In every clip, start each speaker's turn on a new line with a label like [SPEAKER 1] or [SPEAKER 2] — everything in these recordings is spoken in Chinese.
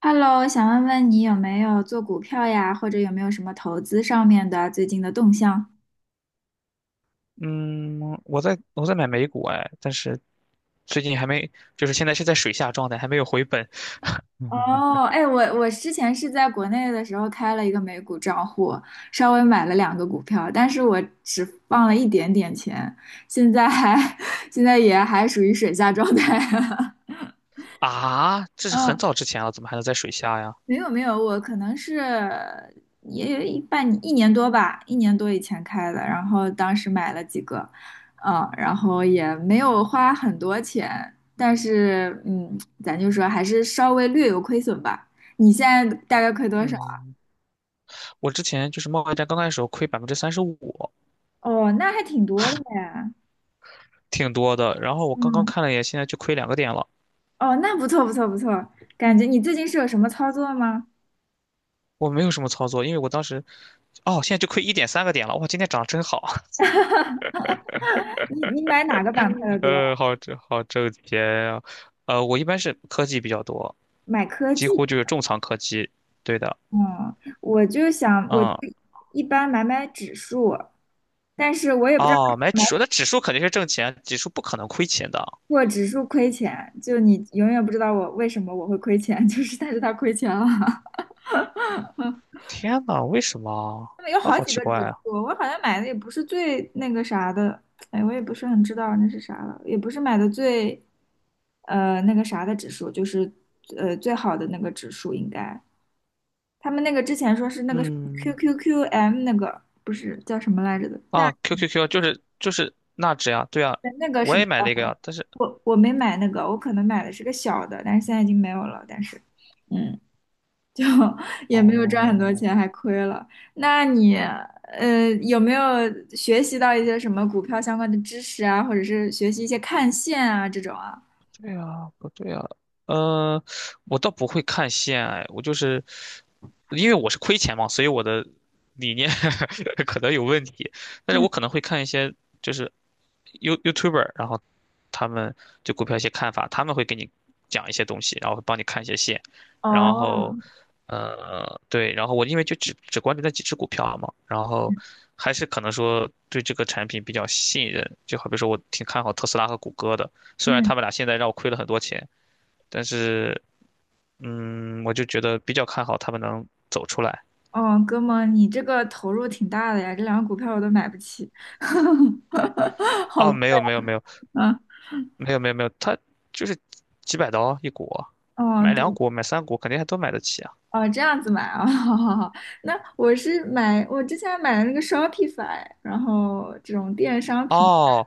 [SPEAKER 1] Hello,想问问你有没有做股票呀？或者有没有什么投资上面的最近的动向？
[SPEAKER 2] 嗯，我在买美股哎，但是最近还没，就是现在是在水下状态，还没有回本
[SPEAKER 1] 哦，哎，我之前是在国内的时候开了一个美股账户，稍微买了两个股票，但是我只放了一点点钱，现在还 现在也还属于水下状态。
[SPEAKER 2] 啊，这是很
[SPEAKER 1] 嗯，
[SPEAKER 2] 早之前了，怎么还能在水下呀？
[SPEAKER 1] 没有没有，我可能是也有一半一年多吧，一年多以前开的，然后当时买了几个，然后也没有花很多钱，但是咱就说还是稍微略有亏损吧。你现在大概亏多少？
[SPEAKER 2] 嗯，我之前就是贸易战刚开始时候亏35%，
[SPEAKER 1] 哦，那还挺多的呀。
[SPEAKER 2] 挺多的。然后我刚刚
[SPEAKER 1] 嗯，
[SPEAKER 2] 看了一眼，现在就亏2个点了。
[SPEAKER 1] 哦，那不错不错不错，感觉你最近是有什么操作吗？
[SPEAKER 2] 我没有什么操作，因为我当时，哦，现在就亏1.3个点了。哇，今天涨得真好。
[SPEAKER 1] 你买哪个板块的 多？
[SPEAKER 2] 好挣钱啊。我一般是科技比较多，
[SPEAKER 1] 买科
[SPEAKER 2] 几
[SPEAKER 1] 技？
[SPEAKER 2] 乎就是重仓科技。对的。
[SPEAKER 1] 嗯，我就想，我就
[SPEAKER 2] 嗯。
[SPEAKER 1] 一般买买指数，但是我也不知道为
[SPEAKER 2] 哦，
[SPEAKER 1] 什
[SPEAKER 2] 买
[SPEAKER 1] 么
[SPEAKER 2] 指数，
[SPEAKER 1] 买
[SPEAKER 2] 那指数肯定是挣钱，指数不可能亏钱的啊。
[SPEAKER 1] 过指数亏钱，就你永远不知道我为什么会亏钱，就是但是它亏钱了。
[SPEAKER 2] 天呐，为什么啊？
[SPEAKER 1] 他们有
[SPEAKER 2] 啊，
[SPEAKER 1] 好
[SPEAKER 2] 好
[SPEAKER 1] 几
[SPEAKER 2] 奇
[SPEAKER 1] 个
[SPEAKER 2] 怪
[SPEAKER 1] 指
[SPEAKER 2] 啊。
[SPEAKER 1] 数，我好像买的也不是最那个啥的，哎，我也不是很知道那是啥了，也不是买的最那个啥的指数，就是最好的那个指数应该。他们那个之前说是那个什么
[SPEAKER 2] 嗯。
[SPEAKER 1] QQQM 那个，不是叫什么来着的，
[SPEAKER 2] 啊，QQQ 就是纳指呀，对啊，
[SPEAKER 1] 对，那个是
[SPEAKER 2] 我
[SPEAKER 1] 比
[SPEAKER 2] 也买
[SPEAKER 1] 较
[SPEAKER 2] 那个
[SPEAKER 1] 好。
[SPEAKER 2] 呀，但是
[SPEAKER 1] 我没买那个，我可能买的是个小的，但是现在已经没有了。但是，嗯，就 也没有赚很多
[SPEAKER 2] 哦。
[SPEAKER 1] 钱，还亏了。那你有没有学习到一些什么股票相关的知识啊，或者是学习一些看线啊这种啊？
[SPEAKER 2] 对啊，不对啊，嗯，我倒不会看线。哎，我就是因为我是亏钱嘛，所以我的理念 可能有问题。但是
[SPEAKER 1] 嗯，
[SPEAKER 2] 我可能会看一些就是 YouTuber，然后他们对股票一些看法，他们会给你讲一些东西，然后会帮你看一些线，然
[SPEAKER 1] 哦，
[SPEAKER 2] 后对，然后我因为就只关注那几只股票嘛，然后还是可能说对这个产品比较信任，就好比说我挺看好特斯拉和谷歌的。虽然
[SPEAKER 1] 嗯，
[SPEAKER 2] 他们俩现在让我亏了很多钱，但是我就觉得比较看好他们能走出来。
[SPEAKER 1] 哦，哥们，你这个投入挺大的呀，这两个股票我都买不起，好
[SPEAKER 2] 哦，
[SPEAKER 1] 贵
[SPEAKER 2] 没有没有没有
[SPEAKER 1] 啊。
[SPEAKER 2] 没有没有没有，他就是几百刀一股，
[SPEAKER 1] 哦，
[SPEAKER 2] 买两
[SPEAKER 1] 对。
[SPEAKER 2] 股买3股肯定还都买得起啊。
[SPEAKER 1] 哦，这样子买啊，好好好。那我是买，我之前买的那个 Shopify,然后这种电商品，
[SPEAKER 2] 哦，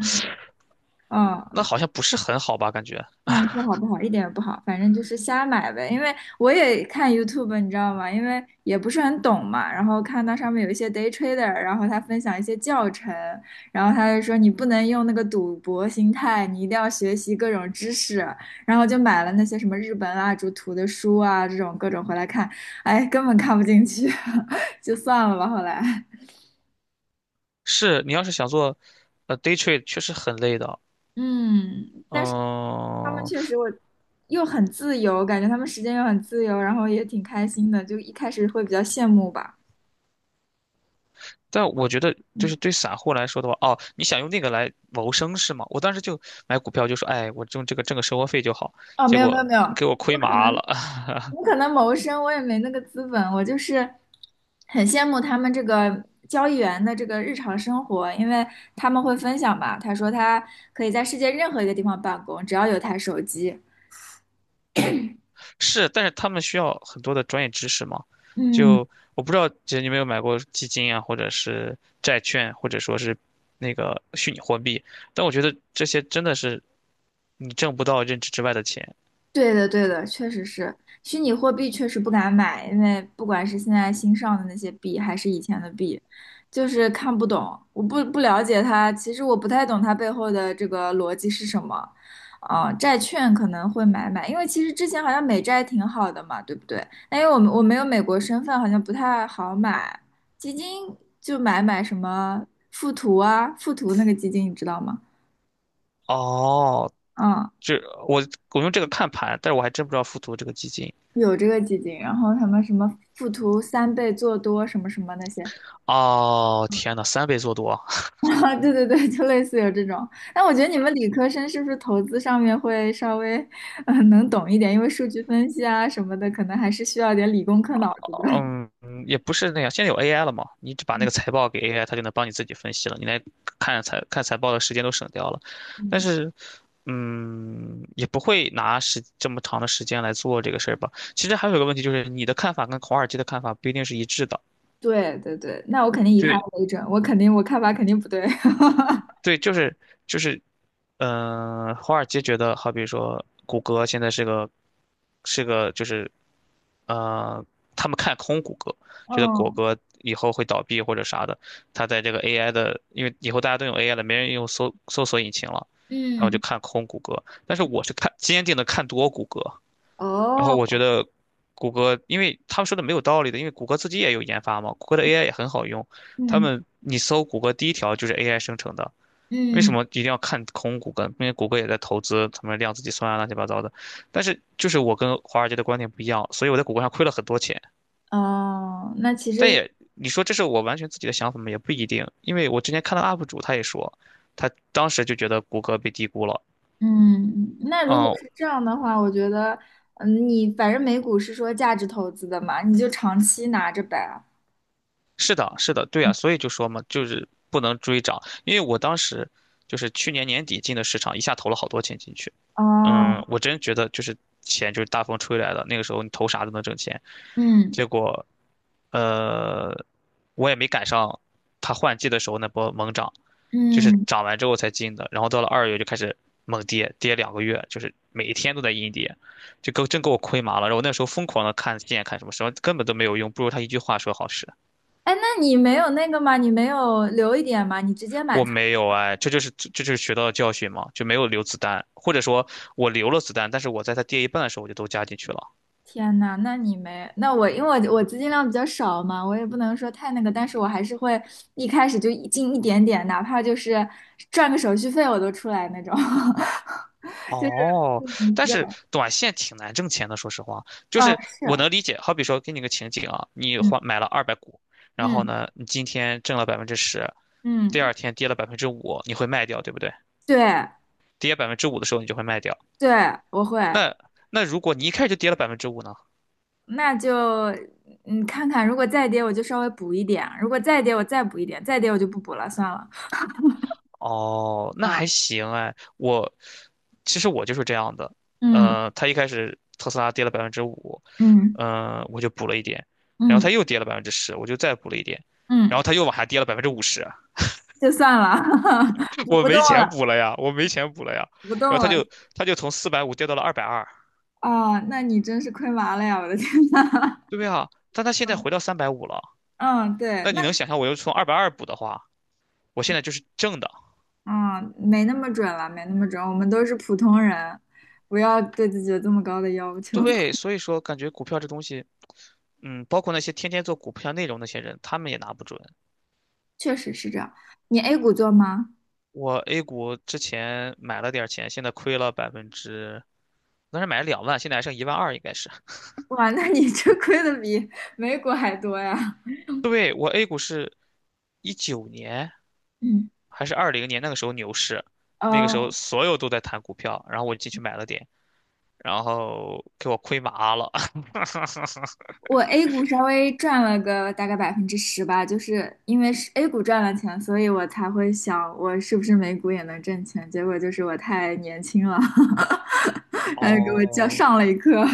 [SPEAKER 2] 那
[SPEAKER 1] 嗯，
[SPEAKER 2] 好像不是很好吧？感觉
[SPEAKER 1] 嗯，不好不好，一点也不好，反正就是瞎买呗。因为我也看 YouTube,你知道吗？因为也不是很懂嘛，然后看到上面有一些 day trader,然后他分享一些教程，然后他就说你不能用那个赌博心态，你一定要学习各种知识，然后就买了那些什么日本蜡烛图的书啊，这种各种回来看，哎，根本看不进去，就算了吧，后来。
[SPEAKER 2] 是你要是想做day trade,确实很累的。
[SPEAKER 1] 嗯，他们
[SPEAKER 2] 嗯，
[SPEAKER 1] 确实我又很自由，感觉他们时间又很自由，然后也挺开心的，就一开始会比较羡慕吧。
[SPEAKER 2] 但我觉得就
[SPEAKER 1] 嗯，
[SPEAKER 2] 是对散户来说的话，哦，你想用那个来谋生是吗？我当时就买股票就说，哎，我用这个挣个生活费就好，
[SPEAKER 1] 哦，
[SPEAKER 2] 结
[SPEAKER 1] 没有没有
[SPEAKER 2] 果
[SPEAKER 1] 没有，
[SPEAKER 2] 给我
[SPEAKER 1] 我
[SPEAKER 2] 亏
[SPEAKER 1] 可
[SPEAKER 2] 麻
[SPEAKER 1] 能
[SPEAKER 2] 了。
[SPEAKER 1] 我可能谋生，我也没那个资本，我就是很羡慕他们这个交易员的这个日常生活，因为他们会分享吧，他说他可以在世界任何一个地方办公，只要有台手机。
[SPEAKER 2] 是，但是他们需要很多的专业知识嘛。
[SPEAKER 1] 嗯。
[SPEAKER 2] 就我不知道，姐你有没有买过基金啊，或者是债券，或者说是那个虚拟货币？但我觉得这些真的是你挣不到认知之外的钱。
[SPEAKER 1] 对的，对的，确实是虚拟货币，确实不敢买，因为不管是现在新上的那些币，还是以前的币，就是看不懂，我不了解它，其实我不太懂它背后的这个逻辑是什么。啊、债券可能会买买，因为其实之前好像美债挺好的嘛，对不对？但因为我没有美国身份，好像不太好买。基金就买买什么富途啊，富途那个基金你知道吗？
[SPEAKER 2] 哦，
[SPEAKER 1] 嗯。
[SPEAKER 2] 这我我用这个看盘，但是我还真不知道富途这个基金。
[SPEAKER 1] 有这个基金，然后他们什么附图三倍做多什么什么那些，
[SPEAKER 2] 哦，天呐，3倍做多！
[SPEAKER 1] 啊，对对对，就类似有这种。那我觉得你们理科生是不是投资上面会稍微能懂一点，因为数据分析啊什么的，可能还是需要点理工科脑子的。
[SPEAKER 2] 嗯，也不是那样。现在有 AI 了嘛，你只把那个 财报给 AI,它就能帮你自己分析了。你来看财报的时间都省掉了，但
[SPEAKER 1] 嗯，
[SPEAKER 2] 是，也不会拿时这么长的时间来做这个事儿吧。其实还有一个问题就是，你的看法跟华尔街的看法不一定是一致的。
[SPEAKER 1] 对对对，那我肯定以
[SPEAKER 2] 就
[SPEAKER 1] 他为准，我肯定我看法肯定不对。
[SPEAKER 2] 对，就是，华尔街觉得，好比说谷歌现在是个呃，他们看空谷歌，觉得谷
[SPEAKER 1] 哦，
[SPEAKER 2] 歌以后会倒闭或者啥的。他在这个 AI 的，因为以后大家都用 AI 了，没人用搜索引擎了，然后就
[SPEAKER 1] 嗯，
[SPEAKER 2] 看空谷歌。但是我是坚定的看多谷歌，然后我
[SPEAKER 1] 哦，
[SPEAKER 2] 觉得谷歌，因为他们说的没有道理的，因为谷歌自己也有研发嘛，谷歌的 AI 也很好用，他
[SPEAKER 1] 嗯
[SPEAKER 2] 们你搜谷歌第一条就是 AI 生成的。为什
[SPEAKER 1] 嗯，
[SPEAKER 2] 么一定要看空谷歌？因为谷歌也在投资他们量子计算啊，乱七八糟的。但是就是我跟华尔街的观点不一样，所以我在谷歌上亏了很多钱。
[SPEAKER 1] 哦，那其
[SPEAKER 2] 但
[SPEAKER 1] 实
[SPEAKER 2] 也你说这是我完全自己的想法吗？也不一定，因为我之前看到 UP 主他也说，他当时就觉得谷歌被低估了。
[SPEAKER 1] 嗯，那如果
[SPEAKER 2] 嗯，
[SPEAKER 1] 是这样的话，我觉得，嗯，你反正美股是说价值投资的嘛，你就长期拿着呗。
[SPEAKER 2] 是的，是的，对啊，所以就说嘛，就是不能追涨，因为我当时就是去年年底进的市场，一下投了好多钱进去。嗯，
[SPEAKER 1] 哦，
[SPEAKER 2] 我真觉得就是钱就是大风吹来的，那个时候你投啥都能挣钱。
[SPEAKER 1] 嗯
[SPEAKER 2] 结果，呃，我也没赶上它换季的时候那波猛涨，就是
[SPEAKER 1] 嗯，
[SPEAKER 2] 涨完之后才进的，然后到了2月就开始猛跌，跌2个月，就是每一天都在阴跌，真给我亏麻了，然后我那时候疯狂的看线看什么什么，根本都没有用，不如他一句话说好使。
[SPEAKER 1] 哎，那你没有那个吗？你没有留一点吗？你直接满
[SPEAKER 2] 我
[SPEAKER 1] 仓？
[SPEAKER 2] 没有哎，这就是学到的教训嘛，就没有留子弹，或者说我留了子弹，但是我在它跌一半的时候我就都加进去了。
[SPEAKER 1] 天呐，那你没，那我因为我资金量比较少嘛，我也不能说太那个，但是我还是会一开始就一进一点点，哪怕就是赚个手续费我都出来那种，就是
[SPEAKER 2] 哦，但
[SPEAKER 1] 对，
[SPEAKER 2] 是短线挺难挣钱的，说实话，就
[SPEAKER 1] 啊，
[SPEAKER 2] 是我
[SPEAKER 1] 是，
[SPEAKER 2] 能理解。好比说，给你个情景啊，你
[SPEAKER 1] 嗯
[SPEAKER 2] 买了200股，然后
[SPEAKER 1] 嗯
[SPEAKER 2] 呢，你今天挣了百分之十，第
[SPEAKER 1] 嗯，
[SPEAKER 2] 二天跌了百分之五，你会卖掉，对不对？
[SPEAKER 1] 对。
[SPEAKER 2] 跌百分之五的时候你就会卖掉。
[SPEAKER 1] 对，我会，
[SPEAKER 2] 那那如果你一开始就跌了百分之五呢？
[SPEAKER 1] 那就看看，如果再跌我就稍微补一点，如果再跌我再补一点，再跌我就不补了，算了。
[SPEAKER 2] 哦，那
[SPEAKER 1] 啊，
[SPEAKER 2] 还行哎。其实我就是这样的，
[SPEAKER 1] 嗯
[SPEAKER 2] 它一开始特斯拉跌了百分之五，
[SPEAKER 1] 嗯
[SPEAKER 2] 嗯，我就补了一点，然后
[SPEAKER 1] 嗯
[SPEAKER 2] 它又跌了百分之十，我就再补了一点，然
[SPEAKER 1] 嗯，
[SPEAKER 2] 后它又往下跌了50%啊，
[SPEAKER 1] 就算了，补
[SPEAKER 2] 我
[SPEAKER 1] 不动
[SPEAKER 2] 没钱
[SPEAKER 1] 了，
[SPEAKER 2] 补了呀，我没钱补了呀，
[SPEAKER 1] 补不
[SPEAKER 2] 然
[SPEAKER 1] 动
[SPEAKER 2] 后它
[SPEAKER 1] 了。
[SPEAKER 2] 就它就从450跌到了二百二。
[SPEAKER 1] 啊，那你真是亏麻了呀！我的天呐。
[SPEAKER 2] 对呀，但它现在
[SPEAKER 1] 嗯
[SPEAKER 2] 回到350了，
[SPEAKER 1] 嗯，对，
[SPEAKER 2] 那你
[SPEAKER 1] 那
[SPEAKER 2] 能想象我又从二百二补的话，我现在就是正的。
[SPEAKER 1] 啊，没那么准了，没那么准，我们都是普通人，不要对自己有这么高的要求。
[SPEAKER 2] 对，所以说感觉股票这东西，包括那些天天做股票内容那些人，他们也拿不准。
[SPEAKER 1] 确实是这样。你 A 股做吗？
[SPEAKER 2] 我 A 股之前买了点儿钱，现在亏了百分之，当时买了2万，现在还剩1.2万，应该是。
[SPEAKER 1] 哇，那你这亏的比美股还多呀！
[SPEAKER 2] 对，我 A 股是19年
[SPEAKER 1] 嗯，
[SPEAKER 2] 还是20年那个时候牛市，那个
[SPEAKER 1] 呃，
[SPEAKER 2] 时候所有都在谈股票，然后我进去买了点，然后给我亏麻了。
[SPEAKER 1] 我 A 股稍微赚了个大概10%吧，就是因为是 A 股赚了钱，所以我才会想我是不是美股也能挣钱。结果就是我太年轻了，然后给我叫
[SPEAKER 2] 哦，
[SPEAKER 1] 上了一课。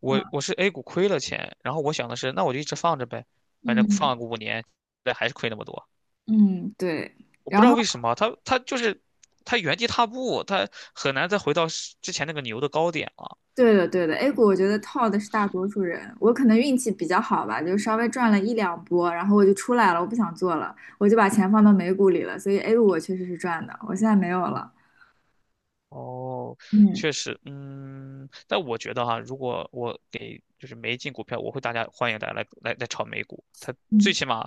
[SPEAKER 2] 我是 A 股亏了钱，然后我想的是，那我就一直放着呗，反正
[SPEAKER 1] 嗯
[SPEAKER 2] 放个5年。对，还是亏那么多。
[SPEAKER 1] 嗯，对。
[SPEAKER 2] 我不
[SPEAKER 1] 然
[SPEAKER 2] 知道
[SPEAKER 1] 后，
[SPEAKER 2] 为什么，它它就是它原地踏步，它很难再回到之前那个牛的高点了。
[SPEAKER 1] 对的，对的，A 股我觉得套的是大多数人，我可能运气比较好吧，就稍微赚了一两波，然后我就出来了，我不想做了，我就把钱放到美股里了，所以 A 股我确实是赚的，我现在没有了。
[SPEAKER 2] 哦，
[SPEAKER 1] 嗯
[SPEAKER 2] 确实，但我觉得哈，如果我给就是没进股票，我会欢迎大家来炒美股。它最
[SPEAKER 1] 嗯。
[SPEAKER 2] 起码，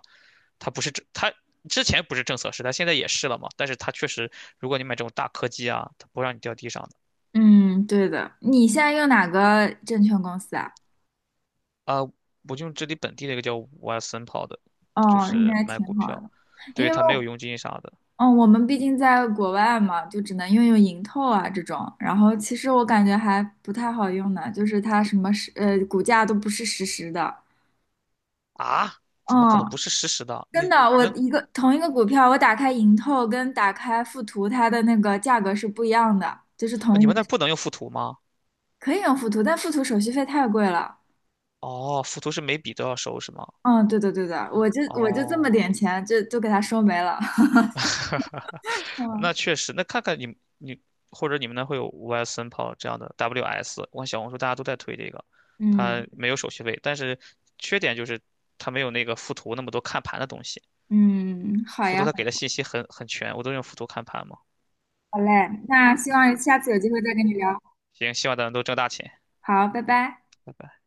[SPEAKER 2] 它之前不是政策时代，现在也是了嘛。但是它确实，如果你买这种大科技啊，它不让你掉地上的
[SPEAKER 1] 嗯，对的。你现在用哪个证券公司啊？
[SPEAKER 2] 啊。我就用这里本地的一个叫 WASON 跑的，就
[SPEAKER 1] 哦，应
[SPEAKER 2] 是
[SPEAKER 1] 该
[SPEAKER 2] 买
[SPEAKER 1] 挺
[SPEAKER 2] 股
[SPEAKER 1] 好
[SPEAKER 2] 票，
[SPEAKER 1] 的，
[SPEAKER 2] 对，
[SPEAKER 1] 因为
[SPEAKER 2] 它没有佣金啥的
[SPEAKER 1] 哦我们毕竟在国外嘛，就只能用用盈透啊这种。然后其实我感觉还不太好用呢，就是它什么是股价都不是实时的。
[SPEAKER 2] 啊？怎么可能不
[SPEAKER 1] 嗯，
[SPEAKER 2] 是实时的？
[SPEAKER 1] 真的，我一个同一个股票，我打开盈透跟打开富途，它的那个价格是不一样的，就是
[SPEAKER 2] 啊
[SPEAKER 1] 同
[SPEAKER 2] 你
[SPEAKER 1] 一个
[SPEAKER 2] 们那儿不能用附图吗？
[SPEAKER 1] 可以用富途，但富途手续费太贵了。
[SPEAKER 2] 哦，附图是每笔都要收是吗？
[SPEAKER 1] 嗯，对的对的，我就这么
[SPEAKER 2] 哦。
[SPEAKER 1] 点钱，就给他收没了。嗯
[SPEAKER 2] 那确实，那看看你或者你们那会有 YS n 跑这样的 WS,我看小红书大家都在推这个，
[SPEAKER 1] 嗯
[SPEAKER 2] 它没有手续费，但是缺点就是它没有那个附图那么多看盘的东西，
[SPEAKER 1] 嗯，好
[SPEAKER 2] 附图
[SPEAKER 1] 呀，
[SPEAKER 2] 它给的信息很全，我都用附图看盘嘛。
[SPEAKER 1] 好嘞，那希
[SPEAKER 2] 嗯
[SPEAKER 1] 望下次有机会再跟你聊。
[SPEAKER 2] 行，希望咱们都挣大钱。
[SPEAKER 1] 好，拜拜。
[SPEAKER 2] 拜拜。